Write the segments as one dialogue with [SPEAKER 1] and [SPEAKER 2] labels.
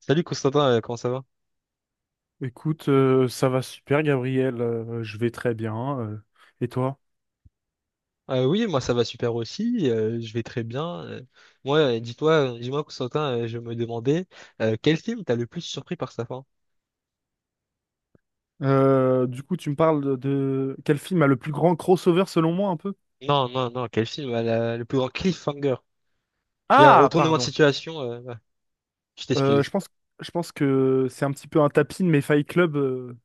[SPEAKER 1] Salut Constantin, comment ça va?
[SPEAKER 2] Écoute, ça va super, Gabriel. Je vais très bien. Et toi?
[SPEAKER 1] Oui, moi ça va super aussi, je vais très bien. Moi, dis-moi Constantin, je me demandais quel film t'a le plus surpris par sa fin?
[SPEAKER 2] Du coup, tu me parles de quel film a le plus grand crossover selon moi un peu?
[SPEAKER 1] Non, non, non, quel film a le plus grand cliffhanger? C'est un
[SPEAKER 2] Ah,
[SPEAKER 1] retournement de
[SPEAKER 2] pardon.
[SPEAKER 1] situation, ouais, je
[SPEAKER 2] Euh, je
[SPEAKER 1] t'excuse.
[SPEAKER 2] pense, je pense que c'est un petit peu un tapis, mais Fight Club,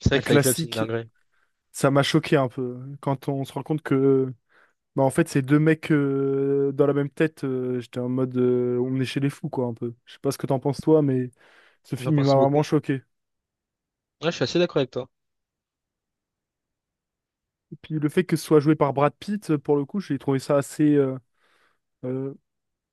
[SPEAKER 1] C'est vrai
[SPEAKER 2] un
[SPEAKER 1] que Fight Club c'est une
[SPEAKER 2] classique,
[SPEAKER 1] dinguerie.
[SPEAKER 2] ça m'a choqué un peu, hein. Quand on se rend compte que, bah, en fait, c'est deux mecs dans la même tête. J'étais en mode, on est chez les fous, quoi, un peu. Je sais pas ce que t'en penses toi, mais ce
[SPEAKER 1] J'en
[SPEAKER 2] film il
[SPEAKER 1] pense
[SPEAKER 2] m'a
[SPEAKER 1] beaucoup.
[SPEAKER 2] vraiment
[SPEAKER 1] Ouais,
[SPEAKER 2] choqué.
[SPEAKER 1] je suis assez d'accord avec toi.
[SPEAKER 2] Puis le fait que ce soit joué par Brad Pitt, pour le coup, j'ai trouvé ça assez euh,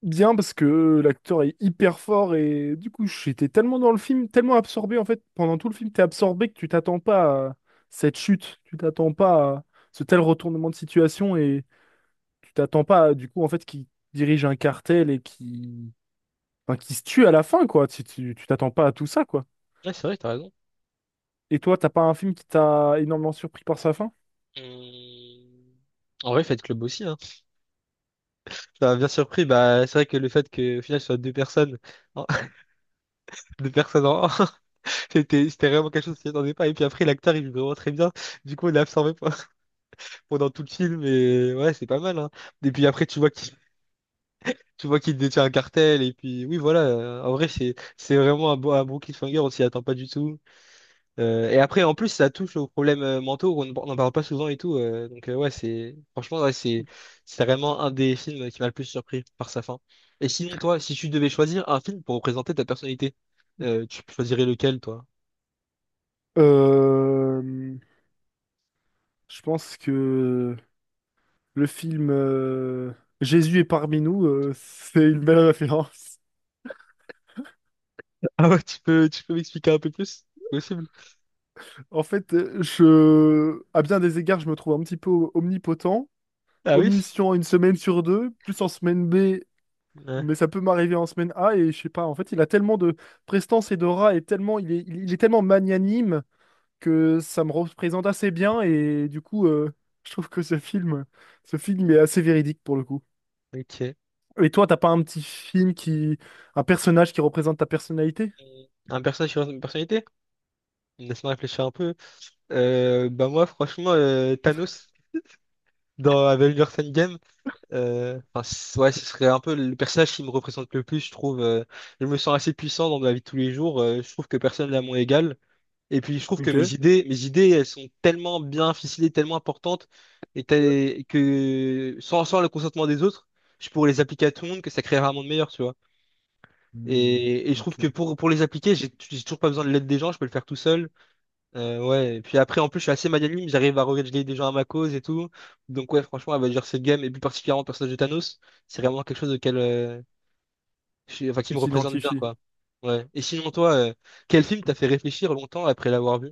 [SPEAKER 2] bien parce que l'acteur est hyper fort et du coup, j'étais tellement dans le film, tellement absorbé en fait, pendant tout le film, t'es absorbé que tu t'attends pas à cette chute, tu t'attends pas à ce tel retournement de situation et tu t'attends pas à, du coup en fait qui dirige un cartel et qui enfin, qui se tue à la fin, quoi. Tu t'attends pas à tout ça, quoi.
[SPEAKER 1] Ouais, c'est vrai, t'as raison.
[SPEAKER 2] Et toi, t'as pas un film qui t'a énormément surpris par sa fin?
[SPEAKER 1] Hum, En vrai, Fight Club aussi, hein. Ça m'a bien surpris, bah c'est vrai que le fait que au final ce soit deux personnes, deux personnes en C'était vraiment quelque chose qui s'y attendait pas. Et puis après, l'acteur, il joue vraiment très bien. Du coup, on l'a absorbé pendant tout le film. Et ouais, c'est pas mal, hein. Et puis après, tu vois qu'il détient un cartel. Et puis oui, voilà. En vrai, c'est vraiment un bon cliffhanger. On s'y attend pas du tout. Et après, en plus, ça touche aux problèmes mentaux. On n'en parle pas souvent et tout. Donc ouais, c'est franchement, ouais, c'est vraiment un des films qui m'a le plus surpris par sa fin. Et sinon, toi, si tu devais choisir un film pour représenter ta personnalité, tu choisirais lequel, toi?
[SPEAKER 2] Euh, je pense que le film Jésus est parmi nous, c'est une belle référence.
[SPEAKER 1] Ah ouais, tu peux m'expliquer un peu plus? Possible.
[SPEAKER 2] En fait, à bien des égards, je me trouve un petit peu omnipotent,
[SPEAKER 1] Ah oui?
[SPEAKER 2] omniscient une semaine sur deux, plus en semaine B,
[SPEAKER 1] Ouais,
[SPEAKER 2] mais ça peut m'arriver en semaine A, et je sais pas, en fait, il a tellement de prestance et d'aura, et tellement, il est tellement magnanime que ça me représente assez bien, et du coup, je trouve que ce film est assez véridique pour le coup.
[SPEAKER 1] ok.
[SPEAKER 2] Et toi, t'as pas un personnage qui représente ta personnalité?
[SPEAKER 1] Un personnage sur une personnalité? Laisse-moi réfléchir un peu. Bah moi, franchement, Thanos dans Avengers Endgame, ouais, ce serait un peu le personnage qui me représente le plus, je trouve. Je me sens assez puissant dans ma vie de tous les jours. Je trouve que personne n'est à mon égal. Et puis, je trouve que
[SPEAKER 2] Ok.
[SPEAKER 1] mes idées, elles sont tellement bien ficelées, tellement importantes, et que sans le consentement des autres, je pourrais les appliquer à tout le monde, que ça créerait un monde meilleur, tu vois.
[SPEAKER 2] Hmm,
[SPEAKER 1] Et je trouve que
[SPEAKER 2] ok.
[SPEAKER 1] pour les appliquer, j'ai toujours pas besoin de l'aide des gens, je peux le faire tout seul. Ouais, et puis après, en plus, je suis assez magnanime, j'arrive à régler des gens à ma cause et tout. Donc ouais, franchement, elle va dire cette game, et plus particulièrement le personnage de Thanos, c'est vraiment quelque chose auquel, enfin, qui
[SPEAKER 2] Tu
[SPEAKER 1] me représente bien,
[SPEAKER 2] t'identifies.
[SPEAKER 1] quoi. Ouais. Et sinon, toi, quel film t'a fait réfléchir longtemps après l'avoir vu?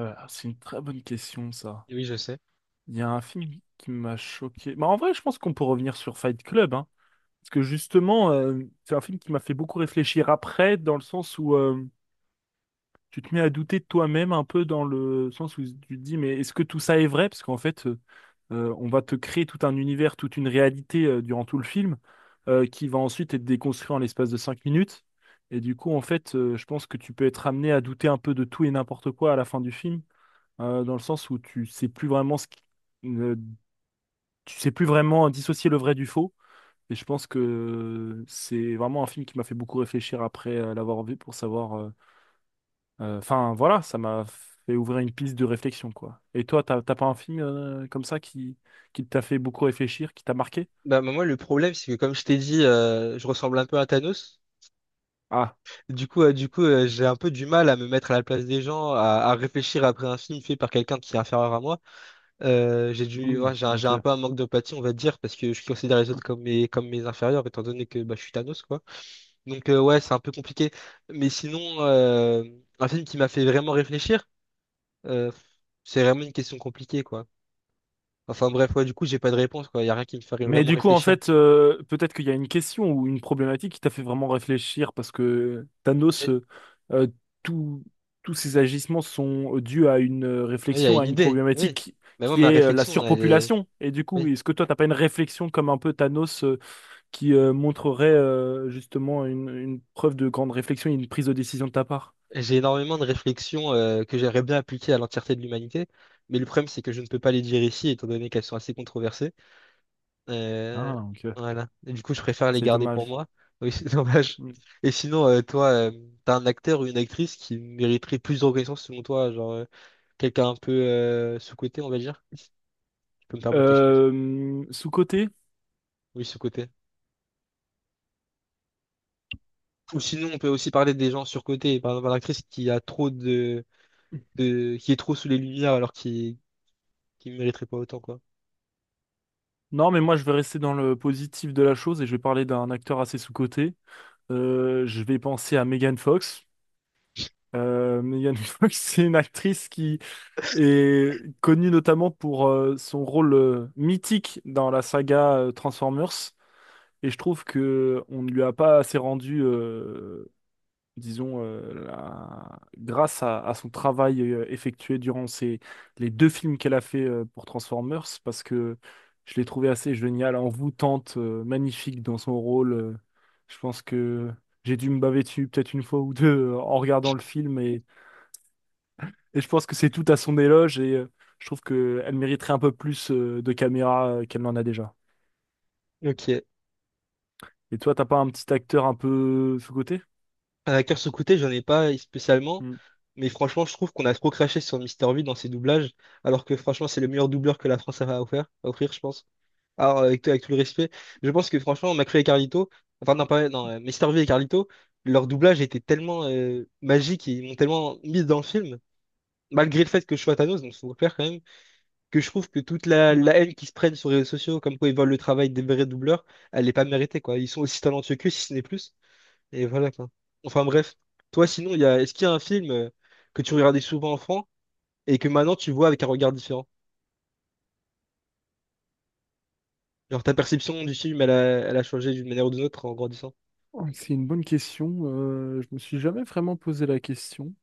[SPEAKER 2] Ah, c'est une très bonne question, ça.
[SPEAKER 1] Oui, je sais.
[SPEAKER 2] Il y a un film qui m'a choqué. Bah, en vrai, je pense qu'on peut revenir sur Fight Club, hein. Parce que justement, c'est un film qui m'a fait beaucoup réfléchir après, dans le sens où tu te mets à douter de toi-même un peu dans le sens où tu te dis, mais est-ce que tout ça est vrai? Parce qu'en fait, on va te créer tout un univers, toute une réalité durant tout le film, qui va ensuite être déconstruit en l'espace de cinq minutes. Et du coup, en fait, je pense que tu peux être amené à douter un peu de tout et n'importe quoi à la fin du film, dans le sens où tu sais plus vraiment ce qui- ne- tu sais plus vraiment dissocier le vrai du faux. Et je pense que c'est vraiment un film qui m'a fait beaucoup réfléchir après l'avoir vu pour savoir enfin, voilà, ça m'a fait ouvrir une piste de réflexion, quoi. Et toi, t'as pas un film comme ça qui t'a fait beaucoup réfléchir, qui t'a marqué?
[SPEAKER 1] Bah, bah, moi, le problème, c'est que comme je t'ai dit, je ressemble un peu à Thanos.
[SPEAKER 2] Ah,
[SPEAKER 1] Du coup, j'ai un peu du mal à me mettre à la place des gens, à réfléchir après un film fait par quelqu'un qui est inférieur à moi.
[SPEAKER 2] hmm,
[SPEAKER 1] Ouais, j'ai
[SPEAKER 2] ok.
[SPEAKER 1] un peu un manque d'empathie, on va dire, parce que je considère les autres comme comme mes inférieurs, étant donné que bah, je suis Thanos, quoi. Donc, ouais, c'est un peu compliqué. Mais sinon, un film qui m'a fait vraiment réfléchir, euh, c'est vraiment une question compliquée, quoi. Enfin, bref, ouais, du coup, j'ai pas de réponse, quoi. Il y a rien qui me ferait
[SPEAKER 2] Mais
[SPEAKER 1] vraiment
[SPEAKER 2] du coup, en
[SPEAKER 1] réfléchir.
[SPEAKER 2] fait, peut-être qu'il y a une question ou une problématique qui t'a fait vraiment réfléchir parce que Thanos,
[SPEAKER 1] Et-
[SPEAKER 2] euh, tout- tous ses agissements sont dus à une
[SPEAKER 1] oui, il y a
[SPEAKER 2] réflexion,
[SPEAKER 1] une
[SPEAKER 2] à une
[SPEAKER 1] idée, oui.
[SPEAKER 2] problématique
[SPEAKER 1] Mais moi,
[SPEAKER 2] qui
[SPEAKER 1] ma
[SPEAKER 2] est la
[SPEAKER 1] réflexion, elle est.
[SPEAKER 2] surpopulation. Et du coup,
[SPEAKER 1] Oui.
[SPEAKER 2] est-ce que toi, t'as pas une réflexion comme un peu Thanos qui montrerait justement une preuve de grande réflexion et une prise de décision de ta part.
[SPEAKER 1] J'ai énormément de réflexions que j'aimerais bien appliquer à l'entièreté de l'humanité, mais le problème, c'est que je ne peux pas les dire ici, étant donné qu'elles sont assez controversées. Euh,
[SPEAKER 2] Ah, ok.
[SPEAKER 1] voilà. Et du coup, je préfère les
[SPEAKER 2] C'est
[SPEAKER 1] garder pour
[SPEAKER 2] dommage.
[SPEAKER 1] moi. Oui, c'est dommage.
[SPEAKER 2] Mm.
[SPEAKER 1] Et sinon, toi, t'as un acteur ou une actrice qui mériterait plus de reconnaissance selon toi, genre quelqu'un un peu sous-coté, on va dire. Tu peux me permettre l'expression.
[SPEAKER 2] Sous-coté?
[SPEAKER 1] Oui, sous-coté. Ou sinon, on peut aussi parler des gens surcotés. Par exemple, l'actrice qui a trop de, qui est trop sous les lumières alors qu'il qui mériterait pas autant, quoi.
[SPEAKER 2] Non, mais moi je vais rester dans le positif de la chose et je vais parler d'un acteur assez sous-coté. Je vais penser à Megan Fox. Megan Fox, c'est une actrice qui est connue notamment pour son rôle mythique dans la saga Transformers. Et je trouve que on ne lui a pas assez rendu disons, grâce à son travail effectué durant ces, les deux films qu'elle a fait pour Transformers, parce que je l'ai trouvée assez géniale, envoûtante, magnifique dans son rôle. Je pense que j'ai dû me baver dessus peut-être une fois ou deux en regardant le film, et je pense que c'est tout à son éloge, et je trouve qu'elle mériterait un peu plus de caméra qu'elle n'en a déjà.
[SPEAKER 1] Ok.
[SPEAKER 2] Et toi, t'as pas un petit acteur un peu sous-coté?
[SPEAKER 1] Un acteur sous côté j'en ai pas spécialement,
[SPEAKER 2] Hmm.
[SPEAKER 1] mais franchement, je trouve qu'on a trop craché sur Mister V dans ses doublages, alors que franchement, c'est le meilleur doubleur que la France a à offrir, je pense. Alors, avec tout le respect, je pense que franchement, McFly et Carlito, enfin, non, pas, non, Mr. V et Carlito, leur doublage était tellement magique et ils m'ont tellement mis dans le film, malgré le fait que je sois Thanos, donc faut le faire quand même, que je trouve que toute la haine qu'ils se prennent sur les réseaux sociaux, comme quoi ils volent le travail des vrais doubleurs, elle n'est pas méritée, quoi. Ils sont aussi talentueux qu'eux, si ce n'est plus. Et voilà quoi. Enfin bref, toi sinon, il y a... est-ce qu'il y a un film que tu regardais souvent enfant et que maintenant tu vois avec un regard différent? Genre ta perception du film, elle a changé d'une manière ou d'une autre en grandissant.
[SPEAKER 2] Oh, c'est une bonne question. Je me suis jamais vraiment posé la question.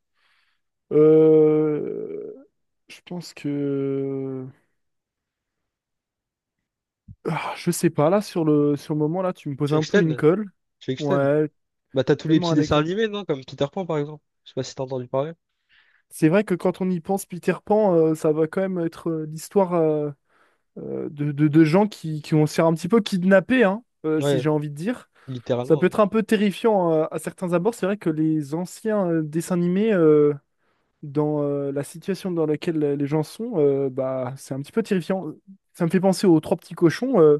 [SPEAKER 2] Euh, je pense que... Ah, je sais pas, là, sur sur le moment, là, tu me poses
[SPEAKER 1] Tu veux
[SPEAKER 2] un
[SPEAKER 1] que je
[SPEAKER 2] peu une
[SPEAKER 1] t'aide?
[SPEAKER 2] colle.
[SPEAKER 1] Tu veux que je t'aide?
[SPEAKER 2] Ouais,
[SPEAKER 1] Bah t'as tous les
[SPEAKER 2] donne-moi
[SPEAKER 1] petits
[SPEAKER 2] un
[SPEAKER 1] dessins
[SPEAKER 2] exemple.
[SPEAKER 1] animés, non? Comme Peter Pan par exemple. Je sais pas si t'as entendu parler.
[SPEAKER 2] C'est vrai que quand on y pense, Peter Pan, ça va quand même être l'histoire de gens qui vont se faire un petit peu kidnapper, hein, si
[SPEAKER 1] Ouais,
[SPEAKER 2] j'ai envie de dire. Ça
[SPEAKER 1] littéralement,
[SPEAKER 2] peut
[SPEAKER 1] oui.
[SPEAKER 2] être un peu terrifiant à certains abords. C'est vrai que les anciens dessins animés, dans la situation dans laquelle les gens sont, bah, c'est un petit peu terrifiant. Ça me fait penser aux Trois Petits Cochons.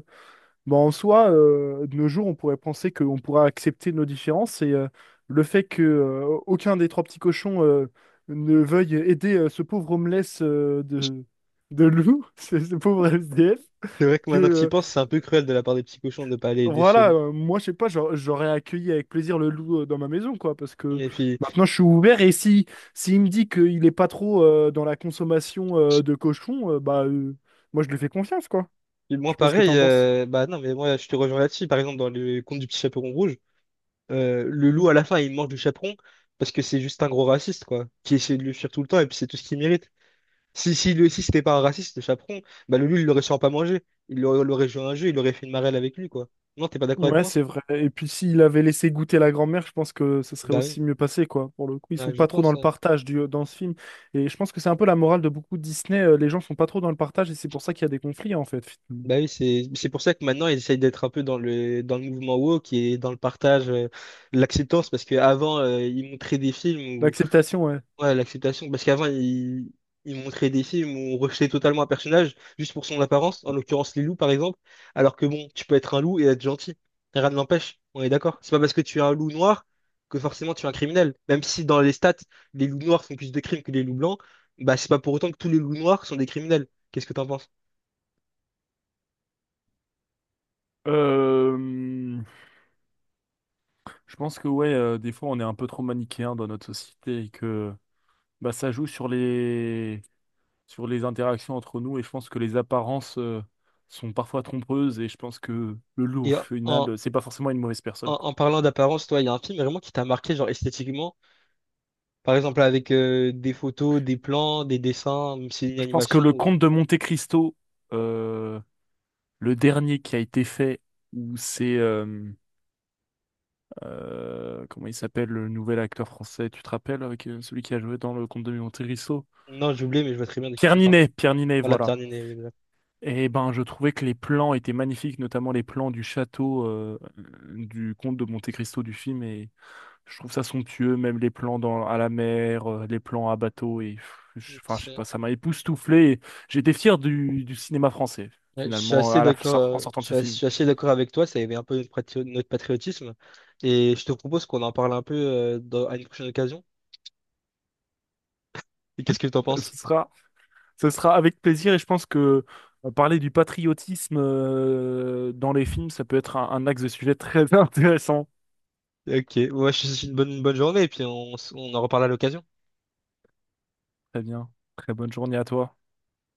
[SPEAKER 2] Bon, en soi, de nos jours, on pourrait penser qu'on pourra accepter nos différences et le fait que aucun des trois petits cochons ne veuille aider ce pauvre homeless de loup, ce pauvre SDF,
[SPEAKER 1] C'est vrai que
[SPEAKER 2] que
[SPEAKER 1] maintenant que tu y penses, c'est un peu cruel de la part des petits cochons de ne pas aller aider ce
[SPEAKER 2] voilà,
[SPEAKER 1] loup.
[SPEAKER 2] moi je sais pas, j'aurais accueilli avec plaisir le loup dans ma maison, quoi, parce que
[SPEAKER 1] Et puis,
[SPEAKER 2] maintenant je suis ouvert et si, s'il me dit qu'il est pas trop dans la consommation de cochons, moi je lui fais confiance, quoi.
[SPEAKER 1] puis
[SPEAKER 2] Je
[SPEAKER 1] moi
[SPEAKER 2] sais pas ce que
[SPEAKER 1] pareil,
[SPEAKER 2] t'en penses.
[SPEAKER 1] bah non mais moi je te rejoins là-dessus. Par exemple dans le conte du petit chaperon rouge. Le
[SPEAKER 2] Mmh.
[SPEAKER 1] loup, à la fin, il mange du chaperon parce que c'est juste un gros raciste, quoi, qui essaie de le fuir tout le temps et puis c'est tout ce qu'il mérite. Si, si, si c'était pas un raciste, le chaperon, bah le loup, il l'aurait sûrement pas mangé. Il l'aurait l'aurait joué à un jeu, il aurait fait une marelle avec lui, quoi. Non, t'es pas d'accord avec
[SPEAKER 2] Ouais,
[SPEAKER 1] moi?
[SPEAKER 2] c'est vrai. Et puis s'il avait laissé goûter la grand-mère, je pense que ça serait
[SPEAKER 1] Bah oui,
[SPEAKER 2] aussi mieux passé, quoi. Pour le coup, ils
[SPEAKER 1] ah,
[SPEAKER 2] sont
[SPEAKER 1] je
[SPEAKER 2] pas trop dans
[SPEAKER 1] pense, ouais.
[SPEAKER 2] dans ce film. Et je pense que c'est un peu la morale de beaucoup de Disney. Les gens sont pas trop dans le partage et c'est pour ça qu'il y a des conflits, en fait, finalement.
[SPEAKER 1] Bah oui, c'est pour ça que maintenant, ils essayent d'être un peu dans dans le mouvement woke et dans le partage, l'acceptance, parce qu'avant, ils montraient des films.
[SPEAKER 2] L'acceptation, ouais.
[SPEAKER 1] Ouais, l'acceptation. Parce qu'avant, ils montraient des films où on rejetait totalement un personnage juste pour son apparence, en l'occurrence les loups par exemple. Alors que bon, tu peux être un loup et être gentil. Rien ne l'empêche, on est d'accord. C'est pas parce que tu es un loup noir que forcément tu es un criminel. Même si dans les stats, les loups noirs font plus de crimes que les loups blancs, bah c'est pas pour autant que tous les loups noirs sont des criminels. Qu'est-ce que t'en penses?
[SPEAKER 2] Euh, je pense que ouais, des fois on est un peu trop manichéen dans notre société et que bah, ça joue sur les interactions entre nous et je pense que les apparences sont parfois trompeuses et je pense que le loup au
[SPEAKER 1] Et
[SPEAKER 2] final c'est pas forcément une mauvaise personne, quoi.
[SPEAKER 1] en parlant d'apparence, toi, il y a un film vraiment qui t'a marqué, genre esthétiquement. Par exemple, avec des photos, des plans, des dessins, même si c'est une
[SPEAKER 2] Je pense que
[SPEAKER 1] animation,
[SPEAKER 2] le
[SPEAKER 1] ou-
[SPEAKER 2] conte de Monte Cristo, euh, le dernier qui a été fait, où c'est comment il s'appelle le nouvel acteur français, tu te rappelles, avec celui qui a joué dans le conte de Monte Cristo?
[SPEAKER 1] Non, j'ai oublié, mais je vois très bien de qui tu parles.
[SPEAKER 2] Pierre Ninet,
[SPEAKER 1] Voilà,
[SPEAKER 2] voilà.
[SPEAKER 1] Pierre Niney, oui, exact.
[SPEAKER 2] Et ben, je trouvais que les plans étaient magnifiques, notamment les plans du château du comte de Monte Cristo du film, et je trouve ça somptueux, même les plans dans, à la mer, les plans à bateau. Et, pff, enfin, je sais
[SPEAKER 1] Ok.
[SPEAKER 2] pas, ça m'a époustouflé, et j'étais fier du cinéma français,
[SPEAKER 1] Ouais, je suis
[SPEAKER 2] finalement,
[SPEAKER 1] assez
[SPEAKER 2] à
[SPEAKER 1] d'accord,
[SPEAKER 2] en sortant de ce
[SPEAKER 1] je
[SPEAKER 2] film.
[SPEAKER 1] suis assez d'accord avec toi, ça éveille un peu notre patriotisme. Et je te propose qu'on en parle un peu à une prochaine occasion. Et qu'est-ce que tu en penses?
[SPEAKER 2] Ce sera, ce sera avec plaisir et je pense que parler du patriotisme dans les films, ça peut être un axe de sujet très intéressant.
[SPEAKER 1] Ok, ouais, je te souhaite une bonne journée et puis on en reparle à l'occasion.
[SPEAKER 2] Très bien. Très bonne journée à toi.